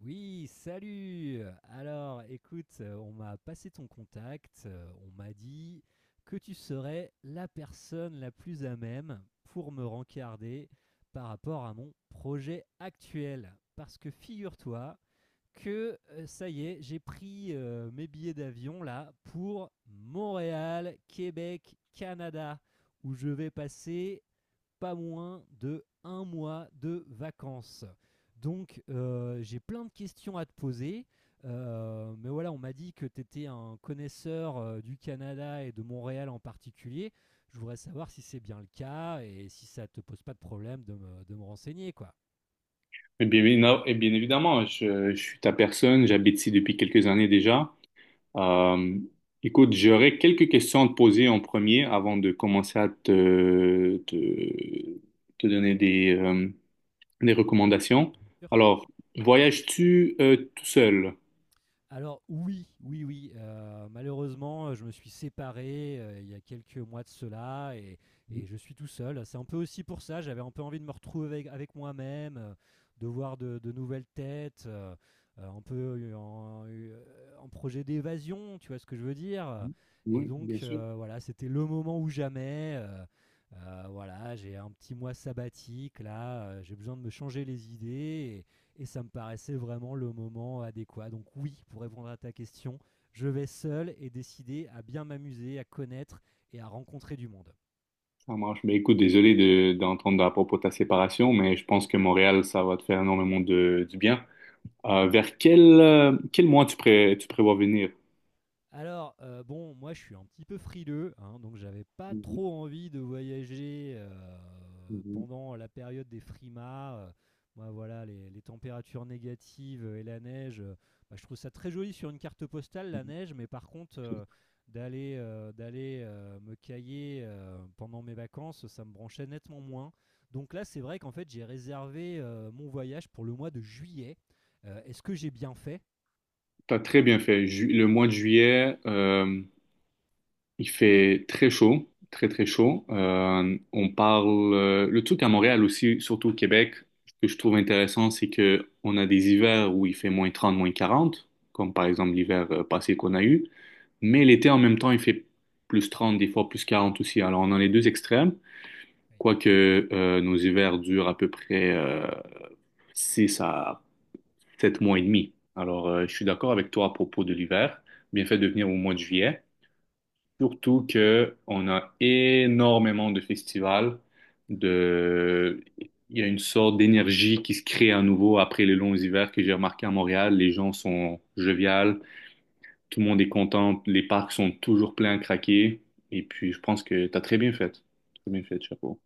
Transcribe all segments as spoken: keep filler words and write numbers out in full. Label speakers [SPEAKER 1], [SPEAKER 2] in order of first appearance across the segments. [SPEAKER 1] Oui, salut! Alors, écoute, euh, on m'a passé ton contact, euh, on m'a dit que tu serais la personne la plus à même pour me rencarder par rapport à mon projet actuel. Parce que figure-toi que euh, ça y est, j'ai pris euh, mes billets d'avion là pour Montréal, Québec, Canada, où je vais passer pas moins de un mois de vacances. Donc euh, j'ai plein de questions à te poser. Euh, mais voilà, on m'a dit que tu étais un connaisseur euh, du Canada et de Montréal en particulier. Je voudrais savoir si c'est bien le cas et si ça te pose pas de problème de me, de me renseigner, quoi.
[SPEAKER 2] Eh bien, évi- eh bien évidemment, je, je suis ta personne, j'habite ici depuis quelques années déjà. Euh, Écoute, j'aurais quelques questions à te poser en premier avant de commencer à te, te, te donner des, euh, des recommandations.
[SPEAKER 1] Bien sûr.
[SPEAKER 2] Alors, voyages-tu euh, tout seul?
[SPEAKER 1] Alors oui, oui, oui, euh, malheureusement, je me suis séparé euh, il y a quelques mois de cela, et, et je suis tout seul. C'est un peu aussi pour ça, j'avais un peu envie de me retrouver avec, avec moi-même, euh, de voir de, de nouvelles têtes, euh, euh, un peu en, euh, en projet d'évasion, tu vois ce que je veux dire.
[SPEAKER 2] Mhm.
[SPEAKER 1] Et
[SPEAKER 2] Oui, bien
[SPEAKER 1] donc
[SPEAKER 2] sûr.
[SPEAKER 1] euh, voilà, c'était le moment ou jamais. Euh, euh, voilà, j'ai un petit mois sabbatique là, euh, j'ai besoin de me changer les idées et ça me paraissait vraiment le moment adéquat. Donc oui, pour répondre à ta question, je vais seul et décidé à bien m'amuser, à connaître et à rencontrer du monde.
[SPEAKER 2] Ça marche. Mais écoute, désolé de, d'entendre à propos de ta séparation, mais je pense que Montréal, ça va te faire énormément de, du bien. Euh, vers quel, euh, quel mois tu, pré- tu prévois venir?
[SPEAKER 1] Alors, heu, bon, moi, je suis un petit peu frileux, hein, donc j'avais pas
[SPEAKER 2] Mhm.
[SPEAKER 1] trop envie de voyager, heu,
[SPEAKER 2] Mhm.
[SPEAKER 1] pendant la période des frimas, heu. Moi, voilà, les les températures négatives et la neige, heu, bah, je trouve ça très joli sur une carte postale, la neige, mais par contre, heu, d'aller, heu d'aller, heu, me cailler, heu, pendant mes vacances, ça me branchait nettement moins. Donc là, c'est vrai qu'en fait, j'ai réservé, heu, mon voyage pour le mois de juillet. Heu, est-ce que j'ai bien fait?
[SPEAKER 2] T'as très bien fait. Ju- le mois de juillet, euh, il fait très chaud, très très chaud. Euh, on parle euh, le truc à Montréal aussi, surtout au Québec, ce que je trouve intéressant, c'est que on a des hivers où il fait moins trente, moins quarante, comme par exemple l'hiver euh, passé qu'on a eu. Mais l'été en même temps, il fait plus trente des fois plus quarante aussi. Alors on a les deux extrêmes,
[SPEAKER 1] Oui.
[SPEAKER 2] quoique euh, nos hivers durent à peu près euh, six à sept mois et demi. Alors, euh, je suis d'accord avec toi à propos de l'hiver. Bien fait de venir au mois de juillet. Surtout que on a énormément de festivals. De... Il y a une sorte d'énergie qui se crée à nouveau après les longs hivers que j'ai remarqué à Montréal. Les gens sont joviales, tout le monde est content, les parcs sont toujours pleins à craquer. Et puis, je pense que tu as très bien fait. Très bien fait, chapeau.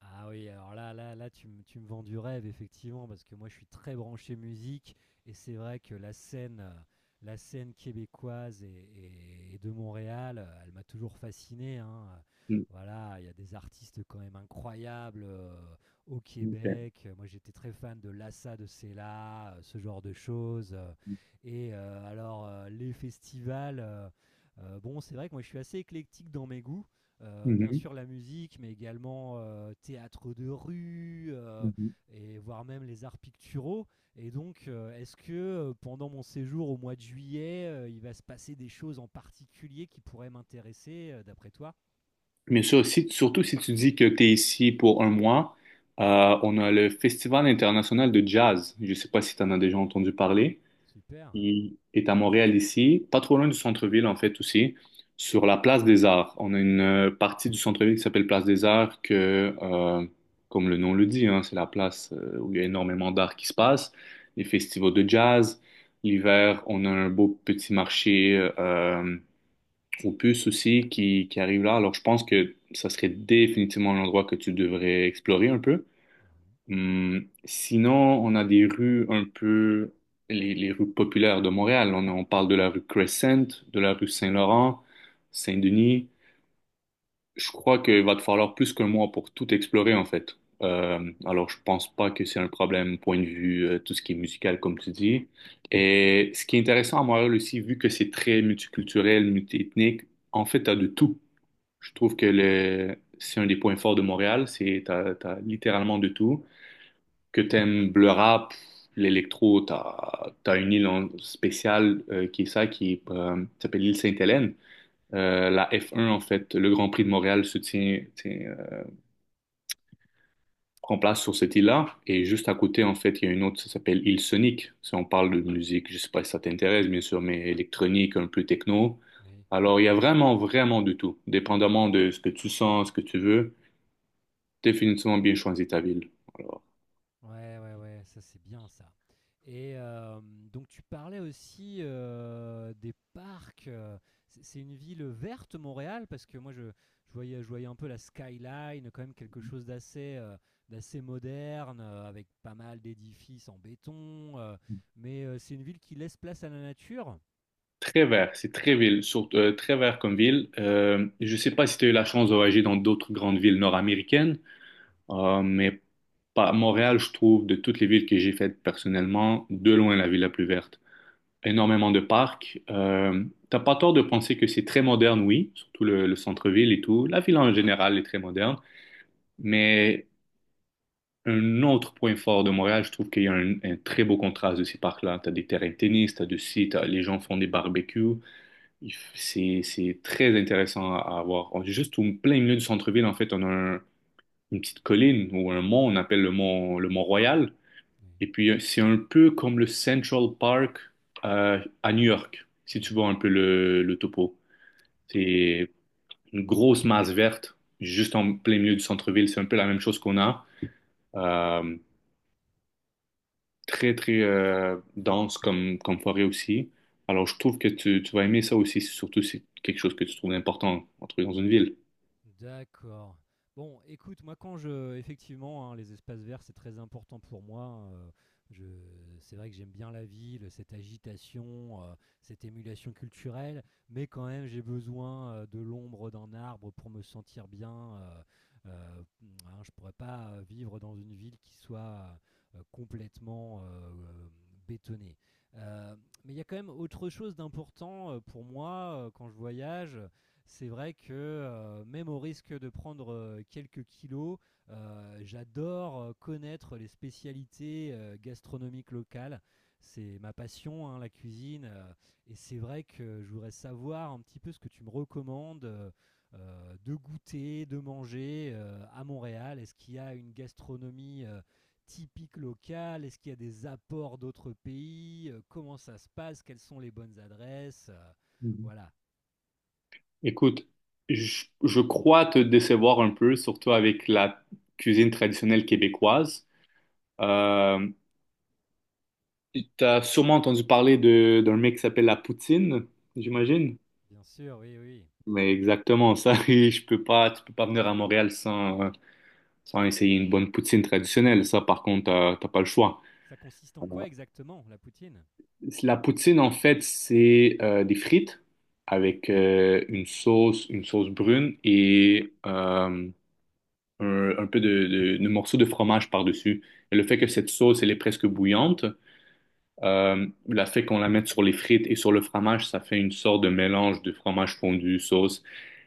[SPEAKER 1] Ah oui, alors là là là, tu me tu me vends du rêve effectivement, parce que moi je suis très branché musique et c'est vrai que la scène, heu, la scène québécoise et et et de Montréal, heu, elle m'a toujours fasciné, hein, heu,
[SPEAKER 2] Mm,
[SPEAKER 1] voilà, il y a des artistes quand même incroyables, heu, au
[SPEAKER 2] ok.
[SPEAKER 1] Québec, heu, moi j'étais très fan de Lassa de Cella, heu, ce genre de choses, heu et heu, alors, heu, les festivals, heu heu, bon c'est vrai que moi je suis assez éclectique dans mes goûts, euh, bien
[SPEAKER 2] Mhm,
[SPEAKER 1] sûr la musique, mais également euh, théâtre de rue, euh,
[SPEAKER 2] mhm.
[SPEAKER 1] et voire même les arts picturaux. Et donc, euh, est-ce que euh, pendant mon séjour au mois de juillet, euh, il va se passer des choses en particulier qui pourraient m'intéresser, euh, d'après toi?
[SPEAKER 2] Bien sûr, si- surtout si tu dis que tu es ici pour un mois, euh, on a le Festival international de jazz. Je ne sais pas si tu en as déjà entendu parler.
[SPEAKER 1] Super.
[SPEAKER 2] Il est à Montréal ici, pas trop loin du centre-ville en fait aussi, sur la place des Arts. On a une euh, partie du centre-ville qui s'appelle Place des Arts que, euh, comme le nom le dit, hein, c'est la place euh, où il y a énormément d'art qui se passe, les festivals de jazz. L'hiver, on a un beau petit marché. Euh, au puce aussi qui, qui arrive là. Alors, je pense que ça serait définitivement un endroit que tu devrais explorer un peu.
[SPEAKER 1] Mhm.
[SPEAKER 2] Hum, sinon, on a des rues un peu, les, les rues populaires de Montréal. On, on parle de la rue Crescent, de la rue Saint-Laurent, Saint-Denis. Je crois qu'il va te falloir plus qu'un mois pour tout explorer, en fait. Euh, alors, je pense pas que c'est un problème, point de vue, euh, tout ce qui est musical, comme tu dis. Et ce qui est intéressant à Montréal aussi, vu que c'est très multiculturel, multiethnique, en fait, tu as de tout. Je
[SPEAKER 1] Mhm.
[SPEAKER 2] trouve que le, c'est un des points forts de Montréal, c'est t'as, t'as littéralement de tout. Que t'aimes le rap, l'électro, t'as, t'as une île en- spéciale euh, qui est ça, qui est, euh, s'appelle l'île Sainte-Hélène. Euh, la F un, en fait, le Grand Prix de Montréal se tient, tient, euh, prend place sur cette île-là. Et juste à côté, en fait, il y a une autre, ça s'appelle île Sonic. Si on parle de musique, je sais pas si ça t'intéresse, bien sûr, mais électronique, un peu techno.
[SPEAKER 1] Oui.
[SPEAKER 2] Alors, il y a vraiment, vraiment de tout, dépendamment de ce que tu sens, ce que tu veux. Définitivement bien choisi ta ville. Alors,
[SPEAKER 1] Ouais, ouais, ouais, ça c'est bien ça. Et euh, donc tu parlais aussi euh, des parcs. euh, C'est c'est une ville verte, Montréal, parce que moi je, je voyais, je voyais un peu la skyline, quand même quelque chose d'assez euh, d'assez moderne, euh, avec pas mal d'édifices en béton. Euh, mais euh, c'est une ville qui laisse place à la nature.
[SPEAKER 2] très vert, c'est très ville, surtout, euh, très vert comme ville. Euh, je ne sais pas si tu as eu la chance de voyager dans d'autres grandes villes nord-américaines, euh, mais pas, Montréal, je trouve, de toutes les villes que j'ai faites personnellement, de loin la ville la plus verte. Énormément de parcs. Euh, t'as pas tort de penser que c'est très moderne, oui, surtout le, le centre-ville et tout. La ville en général est très moderne, mais un autre point fort de Montréal, je trouve qu'il y a un, un très beau contraste de ces parcs-là. Tu as des terrains de tennis, tu as du site, les gens font des barbecues. Il f- C'est, c'est très intéressant à, à voir. On est juste au plein milieu du centre-ville, en fait, on a un- une petite colline ou un mont, on appelle le mont, le mont Royal.
[SPEAKER 1] Oui.
[SPEAKER 2] Et puis, euh, c'est un peu comme le Central Park euh, à New York, si tu
[SPEAKER 1] Mhm.
[SPEAKER 2] vois un peu le, le topo. C'est une grosse masse verte juste en plein milieu du centre-ville. C'est un peu la même chose qu'on a. Euh, Très, très euh, dense comme, comme forêt aussi. Alors, je trouve que tu, tu vas aimer ça aussi, surtout si c'est quelque chose que tu trouves important, en trouver dans une ville.
[SPEAKER 1] D'accord. Bon, écoute, moi quand je, effectivement, hein, les espaces verts, c'est très important pour moi, heu, je c'est vrai que j'aime bien la ville, cette agitation, heu, cette émulation culturelle, mais quand même j'ai besoin, heu, de l'ombre d'un arbre pour me sentir bien, heu heu, mmh, hein, je pourrais pas, heu, vivre dans une ville qui soit heu complètement, heu, hem, bétonnée. Heu, mais il y a quand même autre chose d'important, heu, pour moi, heu, quand je voyage, c'est vrai que euh, même au risque de prendre euh, quelques kilos, euh, j'adore euh, connaître les spécialités euh, gastronomiques locales. C'est ma passion, hein, la cuisine. Euh, et c'est vrai que je voudrais savoir un petit peu ce que tu me recommandes euh, euh, de goûter, de manger euh, à Montréal. Est-ce qu'il y a une gastronomie euh, typique locale? Est-ce qu'il y a des apports d'autres pays? Euh, comment ça se passe? Quelles sont les bonnes adresses? Euh,
[SPEAKER 2] Mhm.
[SPEAKER 1] voilà.
[SPEAKER 2] Écoute, je, je crois te décevoir un peu, surtout avec la cuisine traditionnelle québécoise. Euh, Tu as sûrement entendu parler de, d'un mec qui s'appelle la poutine,
[SPEAKER 1] Mmh.
[SPEAKER 2] j'imagine.
[SPEAKER 1] Bien sûr, oui, oui.
[SPEAKER 2] Mais exactement ça, et je peux pas, tu peux pas venir à Montréal sans, sans essayer une bonne poutine traditionnelle. Ça, par contre, euh, t'as pas le choix.
[SPEAKER 1] Ça consiste
[SPEAKER 2] Euh,
[SPEAKER 1] en quoi exactement, la poutine?
[SPEAKER 2] La poutine, en fait, c'est euh, des frites avec euh, une sauce, une sauce brune et euh, un, un, peu de, de, de morceaux de fromage par-dessus. Et le fait que cette sauce, elle est presque bouillante, euh, le fait qu'on la mette sur les frites et sur le fromage, ça fait une sorte de mélange de fromage fondu, sauce.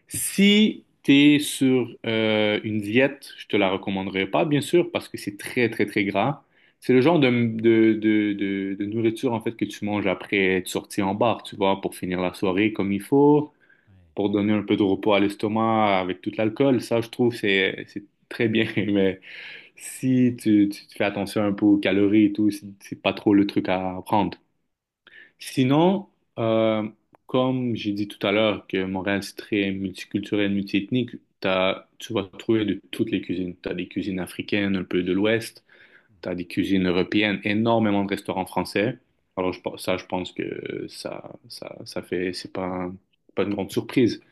[SPEAKER 2] Si tu es sur euh, une diète, je te la recommanderais pas, bien sûr, parce que c'est très, très, très gras. C'est le genre de, de, de, de, de nourriture, en fait, que tu manges après être sorti en bar, tu vois, pour finir la soirée comme il faut,
[SPEAKER 1] Ouais.
[SPEAKER 2] pour donner un peu de repos à l'estomac avec tout l'alcool. Ça, je trouve, c'est, c'est très bien. Mais si tu, tu fais attention un peu aux calories et tout, c'est c'est pas trop le truc à prendre. Sinon, euh, comme j'ai dit tout à l'heure que Montréal, c'est très multiculturel, multiethnique, t'as, tu vas trouver de toutes les cuisines. Tu as des cuisines africaines, un peu de l'Ouest, tu
[SPEAKER 1] Mmh.
[SPEAKER 2] as des cuisines européennes, énormément de restaurants français. Alors, je pense- ça, je pense que ça, ça, ça fait, c'est pas, un- pas une grande surprise.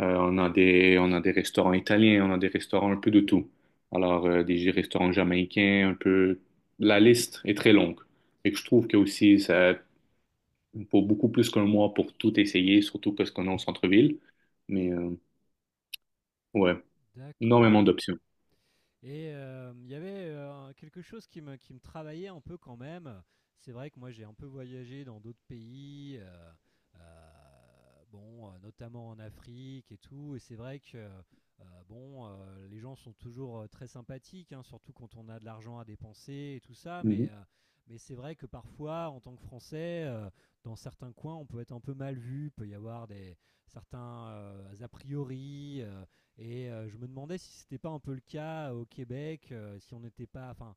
[SPEAKER 2] Euh, on a des, on a des restaurants italiens, on a des restaurants un peu de tout. Alors, euh, des restaurants jamaïcains, un peu, la liste est très longue. Et que je trouve que aussi, ça, pour beaucoup plus qu'un mois pour tout essayer, surtout parce qu'on est au centre-ville. Mais euh, ouais, énormément
[SPEAKER 1] D'accord.
[SPEAKER 2] d'options.
[SPEAKER 1] Et euh, il y avait euh, quelque chose qui me, qui me travaillait un peu quand même. C'est vrai que moi j'ai un peu voyagé dans d'autres pays, euh, euh, bon, euh, notamment en Afrique et tout. Et c'est vrai que euh, bon, euh, les gens sont toujours euh, très sympathiques, hein, surtout quand on a de l'argent à dépenser et tout ça. Mais,
[SPEAKER 2] Mhm.
[SPEAKER 1] euh, mais c'est vrai que parfois, en tant que Français, euh, dans certains coins, on peut être un peu mal vu. Il peut y avoir des certains euh, a priori. Euh, et euh, je me demandais si c'était pas un peu le cas au Québec, euh, si on n'était pas. Enfin,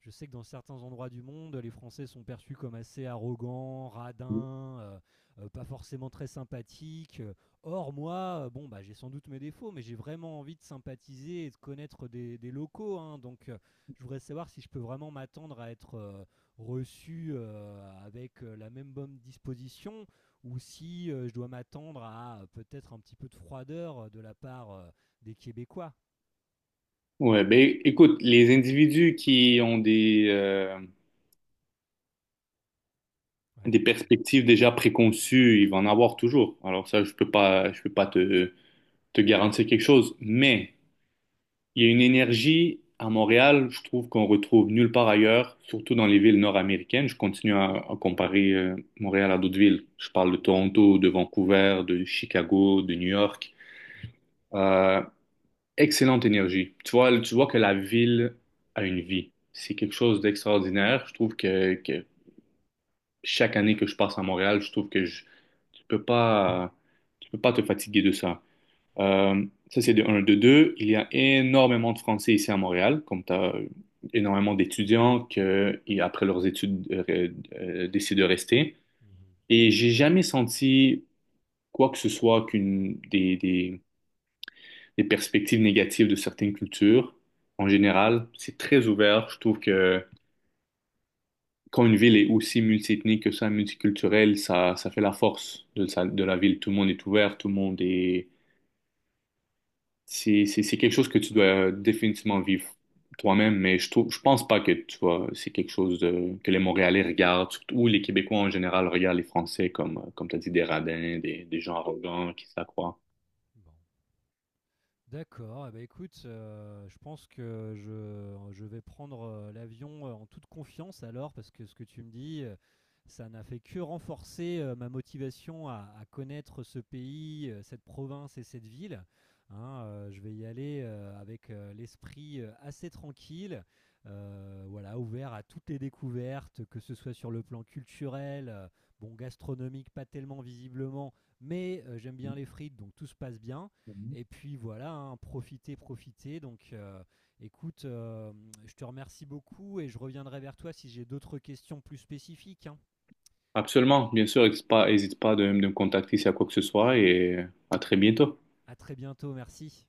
[SPEAKER 1] je sais que dans certains endroits du monde, les Français sont perçus comme assez arrogants, radins, euh, euh, pas forcément très sympathiques. Euh, Or, moi, euh, bon, bah, j'ai sans doute mes défauts, mais j'ai vraiment envie de sympathiser et de connaître des, des locaux, hein. Donc, euh, je voudrais savoir si je peux vraiment m'attendre à être euh, reçu euh, avec euh, la même bonne disposition ou si euh, je dois m'attendre à euh, peut-être un petit peu de froideur euh, de la part euh, des Québécois.
[SPEAKER 2] Ouais, ben écoute, les individus qui ont des, euh, des
[SPEAKER 1] Ouais, qui-
[SPEAKER 2] perspectives déjà préconçues, ils vont en avoir toujours. Alors ça, je peux pas, je peux pas te, te garantir quelque chose, mais il y a une énergie à Montréal, je trouve qu'on retrouve nulle part ailleurs, surtout dans les villes nord-américaines. Je continue à, à comparer euh, Montréal à d'autres villes. Je parle de
[SPEAKER 1] mhm,
[SPEAKER 2] Toronto, de Vancouver, de Chicago, de New York.
[SPEAKER 1] oui,
[SPEAKER 2] Euh, Excellente énergie. Tu vois, tu vois que la ville a une vie. C'est quelque chose d'extraordinaire. Je trouve que, que chaque année que je passe à Montréal, je trouve que je, tu peux pas, tu peux pas te fatiguer de ça. Euh, ça, c'est de un. De deux, il y a énormément de Français ici à Montréal, comme tu as énormément d'étudiants qui, après leurs études, euh, euh, décident de rester.
[SPEAKER 1] mhm,
[SPEAKER 2] Et j'ai jamais senti quoi que ce soit qu'une des, des les perspectives négatives de certaines cultures. En général, c'est très ouvert. Je trouve que quand une ville est aussi multiethnique que ça, multiculturelle, ça, ça fait la force de, sa- de la ville. Tout le monde est ouvert, tout le monde est. C'est, c'est, c'est quelque chose que tu dois définitivement vivre toi-même, mais je trouve, je pense pas que tu vois, c'est quelque chose de- que les Montréalais regardent, surtout, ou les Québécois en général regardent les Français comme, euh, comme tu as dit, des radins, des, des gens arrogants qui s'accroient.
[SPEAKER 1] mhm. Bon. D'accord, eh ben, écoute, heu, je pense que je je vais prendre, heu, l'avion, heu, en toute confiance alors parce que ce que tu me dis, heu, ça n'a fait que renforcer, heu, ma motivation à à connaître ce pays, heu, cette province et cette ville, hein, heu, je vais y aller, heu, avec, heu, l'esprit, heu, assez tranquille, heu, voilà, ouvert à toutes les découvertes, que ce soit sur le plan culturel, heu, bon, gastronomique pas tellement visiblement, mais heu, j'aime bien les frites donc tout se passe bien, et puis voilà, hein, profitez, profitez. Donc euh, écoute, euh, je te remercie beaucoup et je reviendrai vers toi si j'ai d'autres questions plus spécifiques, hein.
[SPEAKER 2] Absolument, bien sûr, n'hésite pas, hésite pas de, de me contacter s'il y a quoi que ce soit et à très bientôt.
[SPEAKER 1] À très bientôt, merci.